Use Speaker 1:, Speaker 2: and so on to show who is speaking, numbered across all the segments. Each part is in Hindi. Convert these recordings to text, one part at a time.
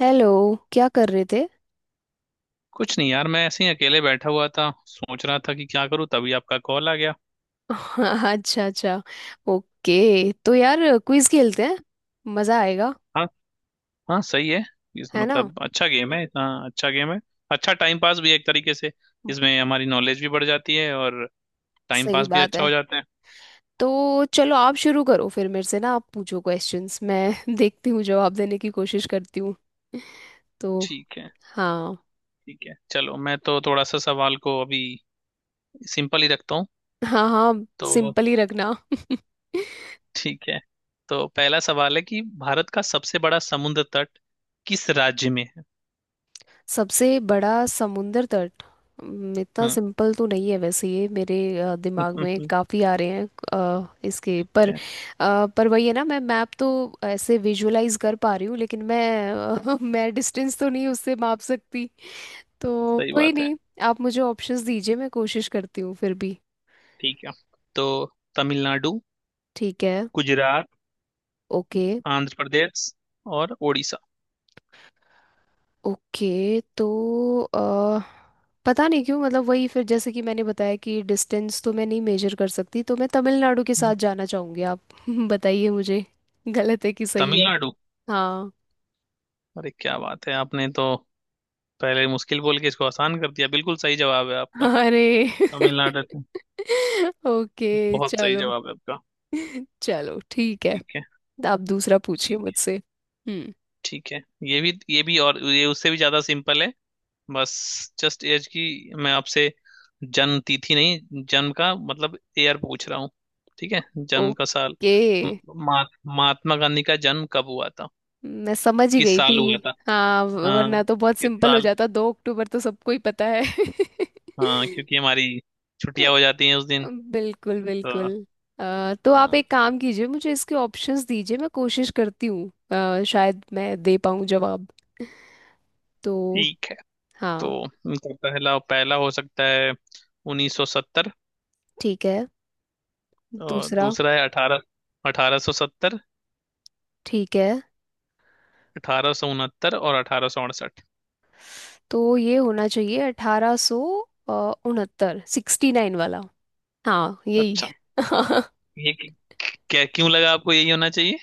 Speaker 1: हेलो। क्या कर रहे थे?
Speaker 2: कुछ नहीं यार। मैं ऐसे ही अकेले बैठा हुआ था, सोच रहा था कि क्या करूं, तभी आपका कॉल आ गया।
Speaker 1: अच्छा, अच्छा। ओके, तो यार क्विज खेलते हैं, मज़ा आएगा।
Speaker 2: हाँ। हाँ, सही है। इस
Speaker 1: है ना?
Speaker 2: मतलब अच्छा गेम है, इतना अच्छा गेम है। अच्छा, टाइम पास भी है एक तरीके से। इसमें हमारी नॉलेज भी बढ़ जाती है और टाइम
Speaker 1: सही
Speaker 2: पास भी
Speaker 1: बात
Speaker 2: अच्छा
Speaker 1: है।
Speaker 2: हो जाता है।
Speaker 1: तो चलो, आप शुरू करो फिर, मेरे से ना आप पूछो क्वेश्चंस। मैं देखती हूँ, जवाब देने की कोशिश करती हूँ। तो
Speaker 2: ठीक है।
Speaker 1: हाँ।
Speaker 2: ठीक है, चलो मैं तो थोड़ा सा सवाल को अभी सिंपल ही रखता हूँ।
Speaker 1: हाँ, हाँ।
Speaker 2: तो
Speaker 1: सिंपल ही रखना।
Speaker 2: ठीक है। तो पहला सवाल है कि भारत का सबसे बड़ा समुद्र तट किस राज्य में है?
Speaker 1: सबसे बड़ा समुंदर तट। इतना
Speaker 2: हम्म।
Speaker 1: सिंपल तो नहीं है वैसे। ये मेरे दिमाग में
Speaker 2: ठीक
Speaker 1: काफ़ी आ रहे हैं। इसके पर
Speaker 2: है।
Speaker 1: पर वही है ना, मैं मैप तो ऐसे विजुअलाइज कर पा रही हूँ, लेकिन मैं अ, मैं डिस्टेंस तो नहीं उससे माप सकती। तो
Speaker 2: सही
Speaker 1: कोई
Speaker 2: बात है।
Speaker 1: नहीं, आप मुझे ऑप्शंस दीजिए, मैं कोशिश करती हूँ फिर भी।
Speaker 2: ठीक है, तो तमिलनाडु,
Speaker 1: ठीक है।
Speaker 2: गुजरात,
Speaker 1: ओके,
Speaker 2: आंध्र प्रदेश और उड़ीसा।
Speaker 1: ओके, तो अ, पता नहीं क्यों, मतलब वही फिर, जैसे कि मैंने बताया कि डिस्टेंस तो मैं नहीं मेजर कर सकती, तो मैं तमिलनाडु के
Speaker 2: हम्म।
Speaker 1: साथ जाना चाहूंगी। आप बताइए मुझे गलत है कि सही है।
Speaker 2: तमिलनाडु।
Speaker 1: हाँ।
Speaker 2: अरे क्या बात है, आपने तो पहले मुश्किल बोल के इसको आसान कर दिया, बिल्कुल सही जवाब है आपका।
Speaker 1: अरे!
Speaker 2: तमिलनाडु।
Speaker 1: ओके,
Speaker 2: बहुत सही
Speaker 1: चलो।
Speaker 2: जवाब है आपका।
Speaker 1: चलो ठीक है।
Speaker 2: ठीक है।
Speaker 1: आप दूसरा पूछिए
Speaker 2: ठीक है।
Speaker 1: मुझसे। हम्म।
Speaker 2: ठीक है, ये भी और ये उससे भी ज्यादा सिंपल है। बस, जस्ट एज की, मैं आपसे जन्म तिथि नहीं, जन्म का मतलब ईयर पूछ रहा हूँ। ठीक है, जन्म का साल।
Speaker 1: ओके।
Speaker 2: म- महा- महात्मा गांधी का जन्म कब हुआ था,
Speaker 1: मैं समझ ही
Speaker 2: किस
Speaker 1: गई थी।
Speaker 2: साल हुआ था?
Speaker 1: हाँ,
Speaker 2: हाँ,
Speaker 1: वरना तो बहुत
Speaker 2: किस
Speaker 1: सिंपल हो
Speaker 2: साल?
Speaker 1: जाता, 2 अक्टूबर तो सबको ही पता है।
Speaker 2: हाँ, क्योंकि हमारी छुट्टियां हो जाती हैं उस दिन।
Speaker 1: बिल्कुल,
Speaker 2: तो
Speaker 1: बिल्कुल। तो आप
Speaker 2: हाँ,
Speaker 1: एक काम कीजिए, मुझे इसके ऑप्शंस दीजिए, मैं कोशिश करती हूँ। शायद मैं दे पाऊँ जवाब। तो
Speaker 2: ठीक है। तो
Speaker 1: हाँ।
Speaker 2: उनका पहला, पहला हो सकता है 1970,
Speaker 1: ठीक है।
Speaker 2: और
Speaker 1: दूसरा।
Speaker 2: दूसरा है 18 1870,
Speaker 1: ठीक है,
Speaker 2: 1869 और 1868।
Speaker 1: तो ये होना चाहिए 1869, 69 वाला। हाँ, यही।
Speaker 2: अच्छा, ये क- क्या, क्यों लगा आपको यही होना चाहिए?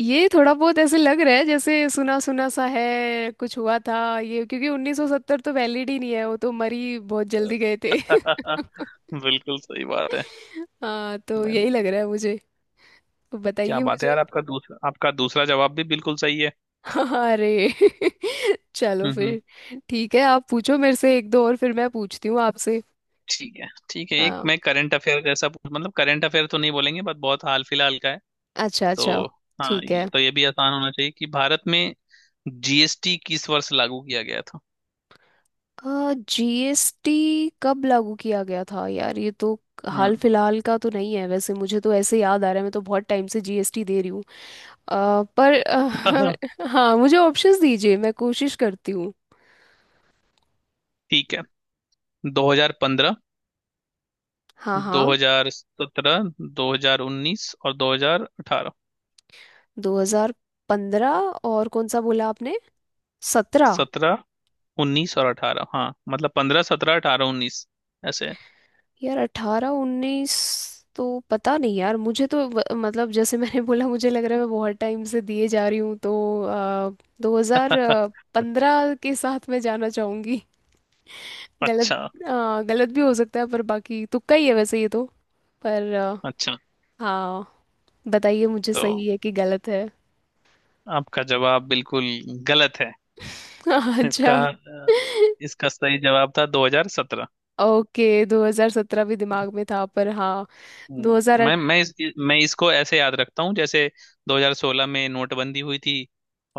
Speaker 1: ये थोड़ा बहुत ऐसे लग रहा है, जैसे सुना सुना सा है कुछ हुआ था ये, क्योंकि 1970 तो वैलिड ही नहीं है, वो तो मरी बहुत जल्दी गए थे।
Speaker 2: बिल्कुल सही बात है।
Speaker 1: हाँ, तो यही
Speaker 2: मैंने,
Speaker 1: लग रहा है मुझे। तो
Speaker 2: क्या
Speaker 1: बताइए
Speaker 2: बात है
Speaker 1: मुझे।
Speaker 2: यार, आपका दूसरा जवाब भी बिल्कुल सही है।
Speaker 1: अरे! चलो
Speaker 2: हम्म।
Speaker 1: फिर ठीक है। आप पूछो मेरे से एक दो और, फिर मैं पूछती हूँ आपसे।
Speaker 2: ठीक है। ठीक है, एक
Speaker 1: हाँ।
Speaker 2: मैं करंट अफेयर जैसा पूछ, मतलब करंट अफेयर तो नहीं बोलेंगे बट बहुत हाल फिलहाल का है।
Speaker 1: अच्छा,
Speaker 2: तो
Speaker 1: अच्छा।
Speaker 2: हाँ,
Speaker 1: ठीक
Speaker 2: ये
Speaker 1: है।
Speaker 2: तो ये भी आसान होना चाहिए कि भारत में जीएसटी किस वर्ष लागू किया गया था।
Speaker 1: जीएसटी कब लागू किया गया था? यार, ये तो हाल
Speaker 2: हम्म।
Speaker 1: फिलहाल का तो नहीं है वैसे। मुझे तो ऐसे याद आ रहा है, मैं तो बहुत टाइम से जीएसटी दे रही हूँ। पर हाँ, मुझे ऑप्शंस दीजिए, मैं कोशिश करती हूँ।
Speaker 2: ठीक है, 2015,
Speaker 1: हाँ, हाँ।
Speaker 2: 2017, 2019 और 2018।
Speaker 1: 2015। और कौन सा बोला आपने? 17?
Speaker 2: सत्रह, उन्नीस और अठारह, हाँ मतलब पंद्रह, सत्रह, अठारह, उन्नीस, ऐसे।
Speaker 1: यार, अठारह उन्नीस तो पता नहीं। यार, मुझे तो मतलब जैसे मैंने बोला, मुझे लग रहा है मैं बहुत टाइम से दिए जा रही हूँ, तो दो हजार पंद्रह के साथ मैं जाना चाहूंगी। गलत।
Speaker 2: अच्छा।
Speaker 1: गलत भी हो सकता है, पर बाकी तुक्का ही है वैसे ये तो। पर
Speaker 2: अच्छा,
Speaker 1: हाँ, बताइए मुझे
Speaker 2: तो
Speaker 1: सही है कि गलत है।
Speaker 2: आपका जवाब बिल्कुल गलत है। इसका
Speaker 1: अच्छा।
Speaker 2: अ, इसका सही जवाब था 2017।
Speaker 1: ओके, 2017 भी दिमाग में था, पर हाँ।
Speaker 2: हम्म।
Speaker 1: 2008।
Speaker 2: मैं इसको ऐसे याद रखता हूँ, जैसे 2016 में नोटबंदी हुई थी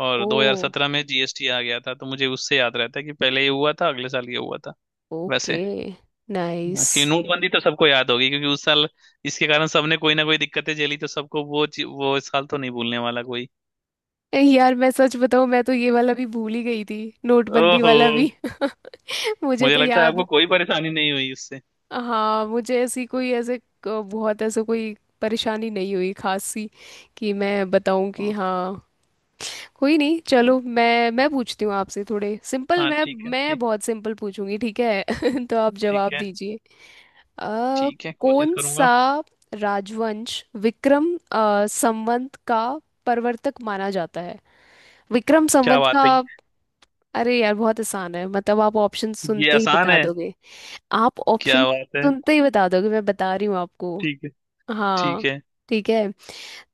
Speaker 2: और
Speaker 1: ओ।
Speaker 2: 2017 में जीएसटी आ गया था। तो मुझे उससे याद रहता है कि पहले ये हुआ था, अगले साल ये हुआ था। वैसे
Speaker 1: ओके। नाइस।
Speaker 2: हाँ, कि नोटबंदी तो सबको याद होगी, क्योंकि उस साल इसके कारण सबने कोई ना कोई दिक्कतें झेली, तो सबको वो इस साल तो नहीं भूलने वाला कोई।
Speaker 1: यार मैं सच बताऊं, मैं तो ये वाला भी भूल ही गई थी। नोटबंदी
Speaker 2: ओहो।
Speaker 1: वाला भी। मुझे
Speaker 2: मुझे
Speaker 1: तो
Speaker 2: लगता है आपको
Speaker 1: याद।
Speaker 2: कोई परेशानी नहीं हुई उससे।
Speaker 1: हाँ, मुझे ऐसी कोई ऐसे बहुत ऐसे कोई परेशानी नहीं हुई खास सी, कि मैं बताऊं कि
Speaker 2: हाँ।
Speaker 1: हाँ। कोई नहीं, चलो मैं पूछती हूँ आपसे थोड़े सिंपल।
Speaker 2: हाँ,
Speaker 1: मैं
Speaker 2: ठीक है।
Speaker 1: मैं
Speaker 2: ठीक।
Speaker 1: बहुत सिंपल पूछूंगी, ठीक है। तो आप
Speaker 2: ठीक
Speaker 1: जवाब
Speaker 2: है।
Speaker 1: दीजिए। अ,
Speaker 2: ठीक है, कोशिश
Speaker 1: कौन
Speaker 2: करूंगा।
Speaker 1: सा राजवंश विक्रम संवत का प्रवर्तक माना जाता है? विक्रम
Speaker 2: क्या
Speaker 1: संवत
Speaker 2: बात
Speaker 1: का।
Speaker 2: है।
Speaker 1: अरे यार, बहुत आसान है, मतलब आप ऑप्शन
Speaker 2: ये
Speaker 1: सुनते ही
Speaker 2: आसान
Speaker 1: बता
Speaker 2: है?
Speaker 1: दोगे। आप ऑप्शन
Speaker 2: क्या बात है।
Speaker 1: सुनते ही बता दोगे, मैं बता रही हूँ आपको।
Speaker 2: ठीक है।
Speaker 1: हाँ।
Speaker 2: ठीक है।
Speaker 1: ठीक है,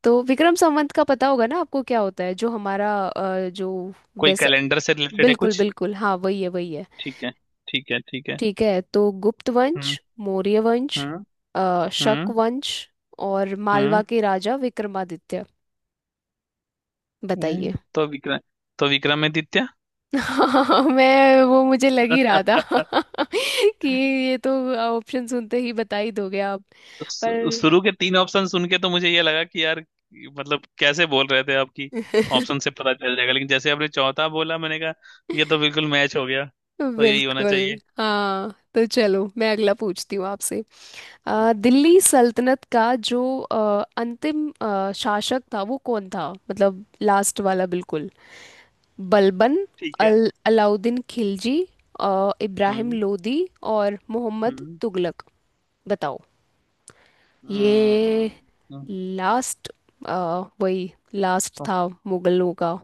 Speaker 1: तो विक्रम संवत का पता होगा ना आपको क्या होता है, जो हमारा जो
Speaker 2: कोई
Speaker 1: वैसा।
Speaker 2: कैलेंडर से रिलेटेड है
Speaker 1: बिल्कुल,
Speaker 2: कुछ?
Speaker 1: बिल्कुल, हाँ, वही है, वही है।
Speaker 2: ठीक है। ठीक है। ठीक है।
Speaker 1: ठीक है, तो गुप्त
Speaker 2: हम्म।
Speaker 1: वंश, मौर्य वंश,
Speaker 2: हम्म।
Speaker 1: शक
Speaker 2: हम्म।
Speaker 1: वंश, और मालवा
Speaker 2: हम्म।
Speaker 1: के राजा विक्रमादित्य।
Speaker 2: ए,
Speaker 1: बताइए।
Speaker 2: तो विक्रम तो विक्रमादित्य।
Speaker 1: हाँ, मैं वो मुझे लग ही रहा था। कि ये तो ऑप्शन सुनते ही बता ही दोगे आप। पर
Speaker 2: शुरू के तीन ऑप्शन सुन के तो मुझे ये लगा कि यार, मतलब कैसे बोल रहे थे आपकी ऑप्शन से पता चल जाएगा। लेकिन जैसे आपने चौथा बोला, मैंने कहा ये तो बिल्कुल मैच हो गया, तो यही होना
Speaker 1: बिल्कुल।
Speaker 2: चाहिए।
Speaker 1: हाँ, तो चलो मैं अगला पूछती हूँ आपसे।
Speaker 2: हम्म,
Speaker 1: दिल्ली
Speaker 2: पूछो।
Speaker 1: सल्तनत का जो अंतिम शासक था वो कौन था, मतलब लास्ट वाला, बिल्कुल। बलबन,
Speaker 2: ठीक है।
Speaker 1: अल अलाउद्दीन खिलजी, इब्राहिम
Speaker 2: हम्म।
Speaker 1: लोदी, और मोहम्मद
Speaker 2: हम्म।
Speaker 1: तुगलक। बताओ।
Speaker 2: हम्म।
Speaker 1: ये
Speaker 2: हम्म।
Speaker 1: लास्ट, वही लास्ट
Speaker 2: सम-
Speaker 1: था मुगलों का,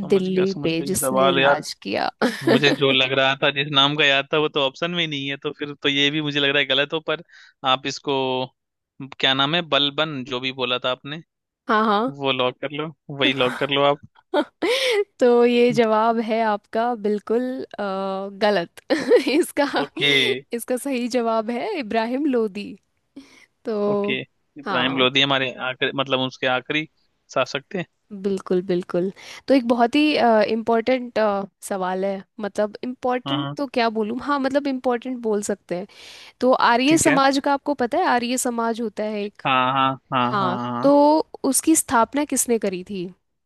Speaker 2: समझ गया, समझ
Speaker 1: पे
Speaker 2: गया ये
Speaker 1: जिसने
Speaker 2: सवाल यार।
Speaker 1: राज किया।
Speaker 2: मुझे जो लग रहा था, जिस नाम का याद था, वो तो ऑप्शन में ही नहीं है, तो फिर तो ये भी मुझे लग रहा है गलत हो, पर आप इसको, क्या नाम है, बलबन जो भी बोला था आपने,
Speaker 1: हाँ, हाँ।
Speaker 2: वो लॉक कर लो, वही लॉक कर लो आप।
Speaker 1: तो ये जवाब है आपका बिल्कुल गलत। इसका,
Speaker 2: ओके।
Speaker 1: इसका सही जवाब है इब्राहिम लोदी। तो
Speaker 2: ओके। इब्राहिम
Speaker 1: हाँ,
Speaker 2: लोधी हमारे आखिरी, मतलब उसके आखिरी शासक थे।
Speaker 1: बिल्कुल, बिल्कुल। तो एक बहुत ही इम्पोर्टेंट सवाल है, मतलब
Speaker 2: हाँ।
Speaker 1: इम्पोर्टेंट
Speaker 2: हाँ।
Speaker 1: तो क्या बोलूँ, हाँ, मतलब इम्पोर्टेंट बोल सकते हैं। तो आर्य
Speaker 2: ठीक है।
Speaker 1: समाज का आपको पता है, आर्य समाज होता है एक।
Speaker 2: हाँ, हाँ, हाँ, हाँ,
Speaker 1: हाँ।
Speaker 2: हाँ।
Speaker 1: तो उसकी स्थापना किसने करी थी?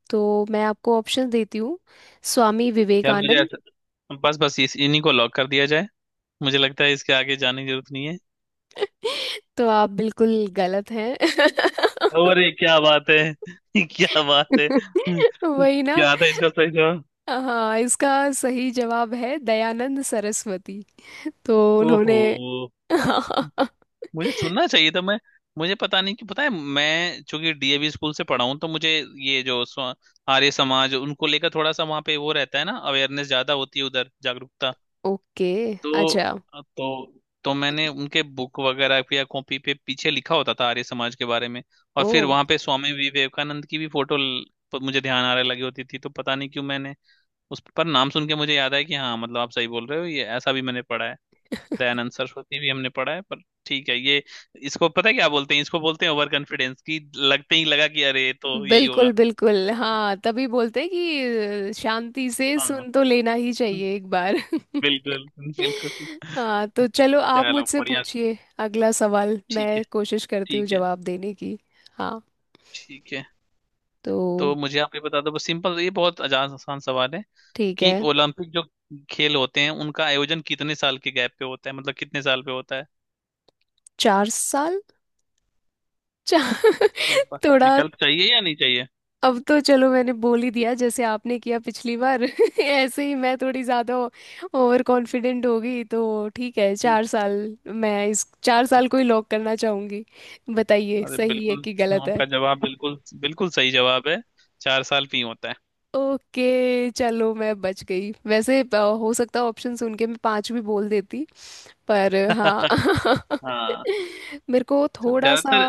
Speaker 1: तो मैं आपको ऑप्शन देती हूँ। स्वामी
Speaker 2: यार, मुझे
Speaker 1: विवेकानंद।
Speaker 2: ऐसा, बस, बस इस इन्हीं को लॉक कर दिया जाए, मुझे लगता है इसके आगे जाने की जरूरत नहीं है।
Speaker 1: तो आप बिल्कुल गलत हैं।
Speaker 2: अरे क्या बात है क्या बात है
Speaker 1: वही ना।
Speaker 2: क्या था इसका सही जवाब?
Speaker 1: हाँ, इसका सही जवाब है दयानंद सरस्वती। तो उन्होंने।
Speaker 2: ओहो। मुझे सुनना चाहिए था। मैं, मुझे पता नहीं कि पता है, मैं चूंकि डीएवी स्कूल से पढ़ा हूँ तो मुझे ये जो आर्य समाज, उनको लेकर थोड़ा सा वहाँ पे वो रहता है ना, अवेयरनेस ज्यादा होती है उधर, जागरूकता।
Speaker 1: ओके,
Speaker 2: तो
Speaker 1: अच्छा।
Speaker 2: तो तो मैंने उनके बुक वगैरह पे या कॉपी पे पीछे लिखा होता था आर्य समाज के बारे में, और
Speaker 1: ओ,
Speaker 2: फिर वहां पे स्वामी विवेकानंद की भी फोटो मुझे ध्यान आ रहा, लगी होती थी। तो पता नहीं क्यों मैंने उस पर नाम सुन के मुझे याद आया कि हाँ, मतलब आप सही बोल रहे हो, ये ऐसा भी मैंने पढ़ा है। दयानंद सरस्वती भी हमने पढ़ा है, पर ठीक है, ये, इसको पता है क्या बोलते हैं, इसको बोलते हैं ओवर कॉन्फिडेंस। की लगते ही लगा कि अरे, ये तो यही होगा।
Speaker 1: बिल्कुल, बिल्कुल, हाँ, तभी बोलते हैं कि शांति से
Speaker 2: हाँ,
Speaker 1: सुन तो लेना ही चाहिए एक बार।
Speaker 2: बिल्कुल, बिल्कुल।
Speaker 1: हाँ, तो चलो आप
Speaker 2: चलो,
Speaker 1: मुझसे
Speaker 2: बढ़िया।
Speaker 1: पूछिए। अगला सवाल
Speaker 2: ठीक है।
Speaker 1: मैं कोशिश करती हूँ
Speaker 2: ठीक है।
Speaker 1: जवाब देने की। हाँ।
Speaker 2: ठीक है,
Speaker 1: तो
Speaker 2: तो मुझे आप ये बता दो, बस सिंपल, ये बहुत आसान, आसान सवाल है
Speaker 1: ठीक
Speaker 2: कि
Speaker 1: है,
Speaker 2: ओलंपिक जो खेल होते हैं उनका आयोजन कितने साल के गैप पे होता है, मतलब कितने साल पे होता है?
Speaker 1: 4 साल। चार।
Speaker 2: एक बार
Speaker 1: थोड़ा,
Speaker 2: विकल्प चाहिए या नहीं चाहिए?
Speaker 1: अब तो चलो मैंने बोल ही दिया, जैसे आपने किया पिछली बार ऐसे ही मैं थोड़ी ज़्यादा ओवर कॉन्फिडेंट हो गई, तो ठीक है
Speaker 2: हम्म।
Speaker 1: चार साल। मैं इस 4 साल को ही लॉक करना चाहूँगी। बताइए
Speaker 2: अरे
Speaker 1: सही है
Speaker 2: बिल्कुल,
Speaker 1: कि गलत है।
Speaker 2: आपका जवाब बिल्कुल, बिल्कुल सही जवाब है। 4 साल पे ही होता है।
Speaker 1: ओके, चलो मैं बच गई। वैसे हो सकता है ऑप्शन सुन के मैं पाँच भी बोल देती, पर हाँ।
Speaker 2: हाँ,
Speaker 1: मेरे को
Speaker 2: तो
Speaker 1: थोड़ा सा,
Speaker 2: ज्यादातर,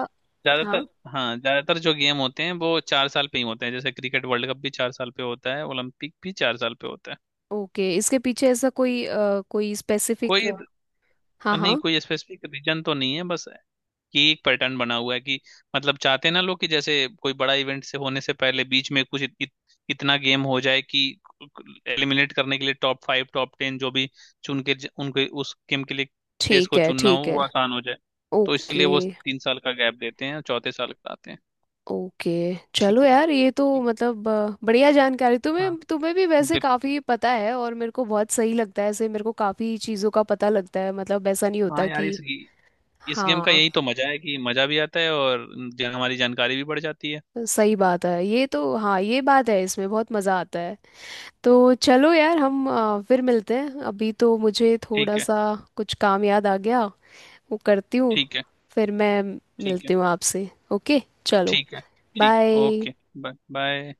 Speaker 1: हाँ।
Speaker 2: ज्यादातर, हाँ ज्यादातर जो गेम होते हैं वो 4 साल पे ही होते हैं, जैसे क्रिकेट वर्ल्ड कप भी 4 साल पे होता है, ओलंपिक भी 4 साल पे होता है।
Speaker 1: ओके, इसके पीछे ऐसा कोई कोई स्पेसिफिक?
Speaker 2: कोई,
Speaker 1: हाँ,
Speaker 2: नहीं,
Speaker 1: हाँ।
Speaker 2: कोई स्पेसिफिक रीजन तो नहीं है, बस कि एक पैटर्न बना हुआ है कि, मतलब चाहते हैं ना लोग कि जैसे कोई बड़ा इवेंट से होने से पहले बीच में कुछ इत, इत, इतना गेम हो जाए कि एलिमिनेट करने के लिए टॉप फाइव, टॉप टेन जो भी चुन के उनके उस गेम के लिए देश
Speaker 1: ठीक
Speaker 2: को
Speaker 1: है,
Speaker 2: चुनना हो,
Speaker 1: ठीक है।
Speaker 2: वो आसान हो जाए। तो इसलिए
Speaker 1: ओके,
Speaker 2: वो 3 साल का गैप देते हैं और चौथे साल कराते हैं।
Speaker 1: ओके। चलो
Speaker 2: ठीक है।
Speaker 1: यार, ये तो
Speaker 2: ठीक
Speaker 1: मतलब बढ़िया जानकारी,
Speaker 2: है। हाँ।
Speaker 1: तुम्हें तुम्हें भी वैसे
Speaker 2: बिल
Speaker 1: काफ़ी पता है, और मेरे को बहुत सही लगता है ऐसे, मेरे को काफ़ी चीज़ों का पता लगता है, मतलब ऐसा नहीं होता
Speaker 2: हाँ यार,
Speaker 1: कि
Speaker 2: इस गेम का
Speaker 1: हाँ।
Speaker 2: यही तो मजा है कि मजा भी आता है और हमारी जानकारी भी बढ़ जाती है।
Speaker 1: सही बात है ये तो, हाँ ये बात है, इसमें बहुत मज़ा आता है। तो चलो यार हम फिर मिलते हैं, अभी तो मुझे थोड़ा
Speaker 2: ठीक है।
Speaker 1: सा कुछ काम याद आ गया, वो करती हूँ।
Speaker 2: ठीक है।
Speaker 1: फिर मैं
Speaker 2: ठीक है।
Speaker 1: मिलती हूँ आपसे। ओके, चलो,
Speaker 2: ठीक है। ठीक। ओके।
Speaker 1: बाय।
Speaker 2: Bye bye.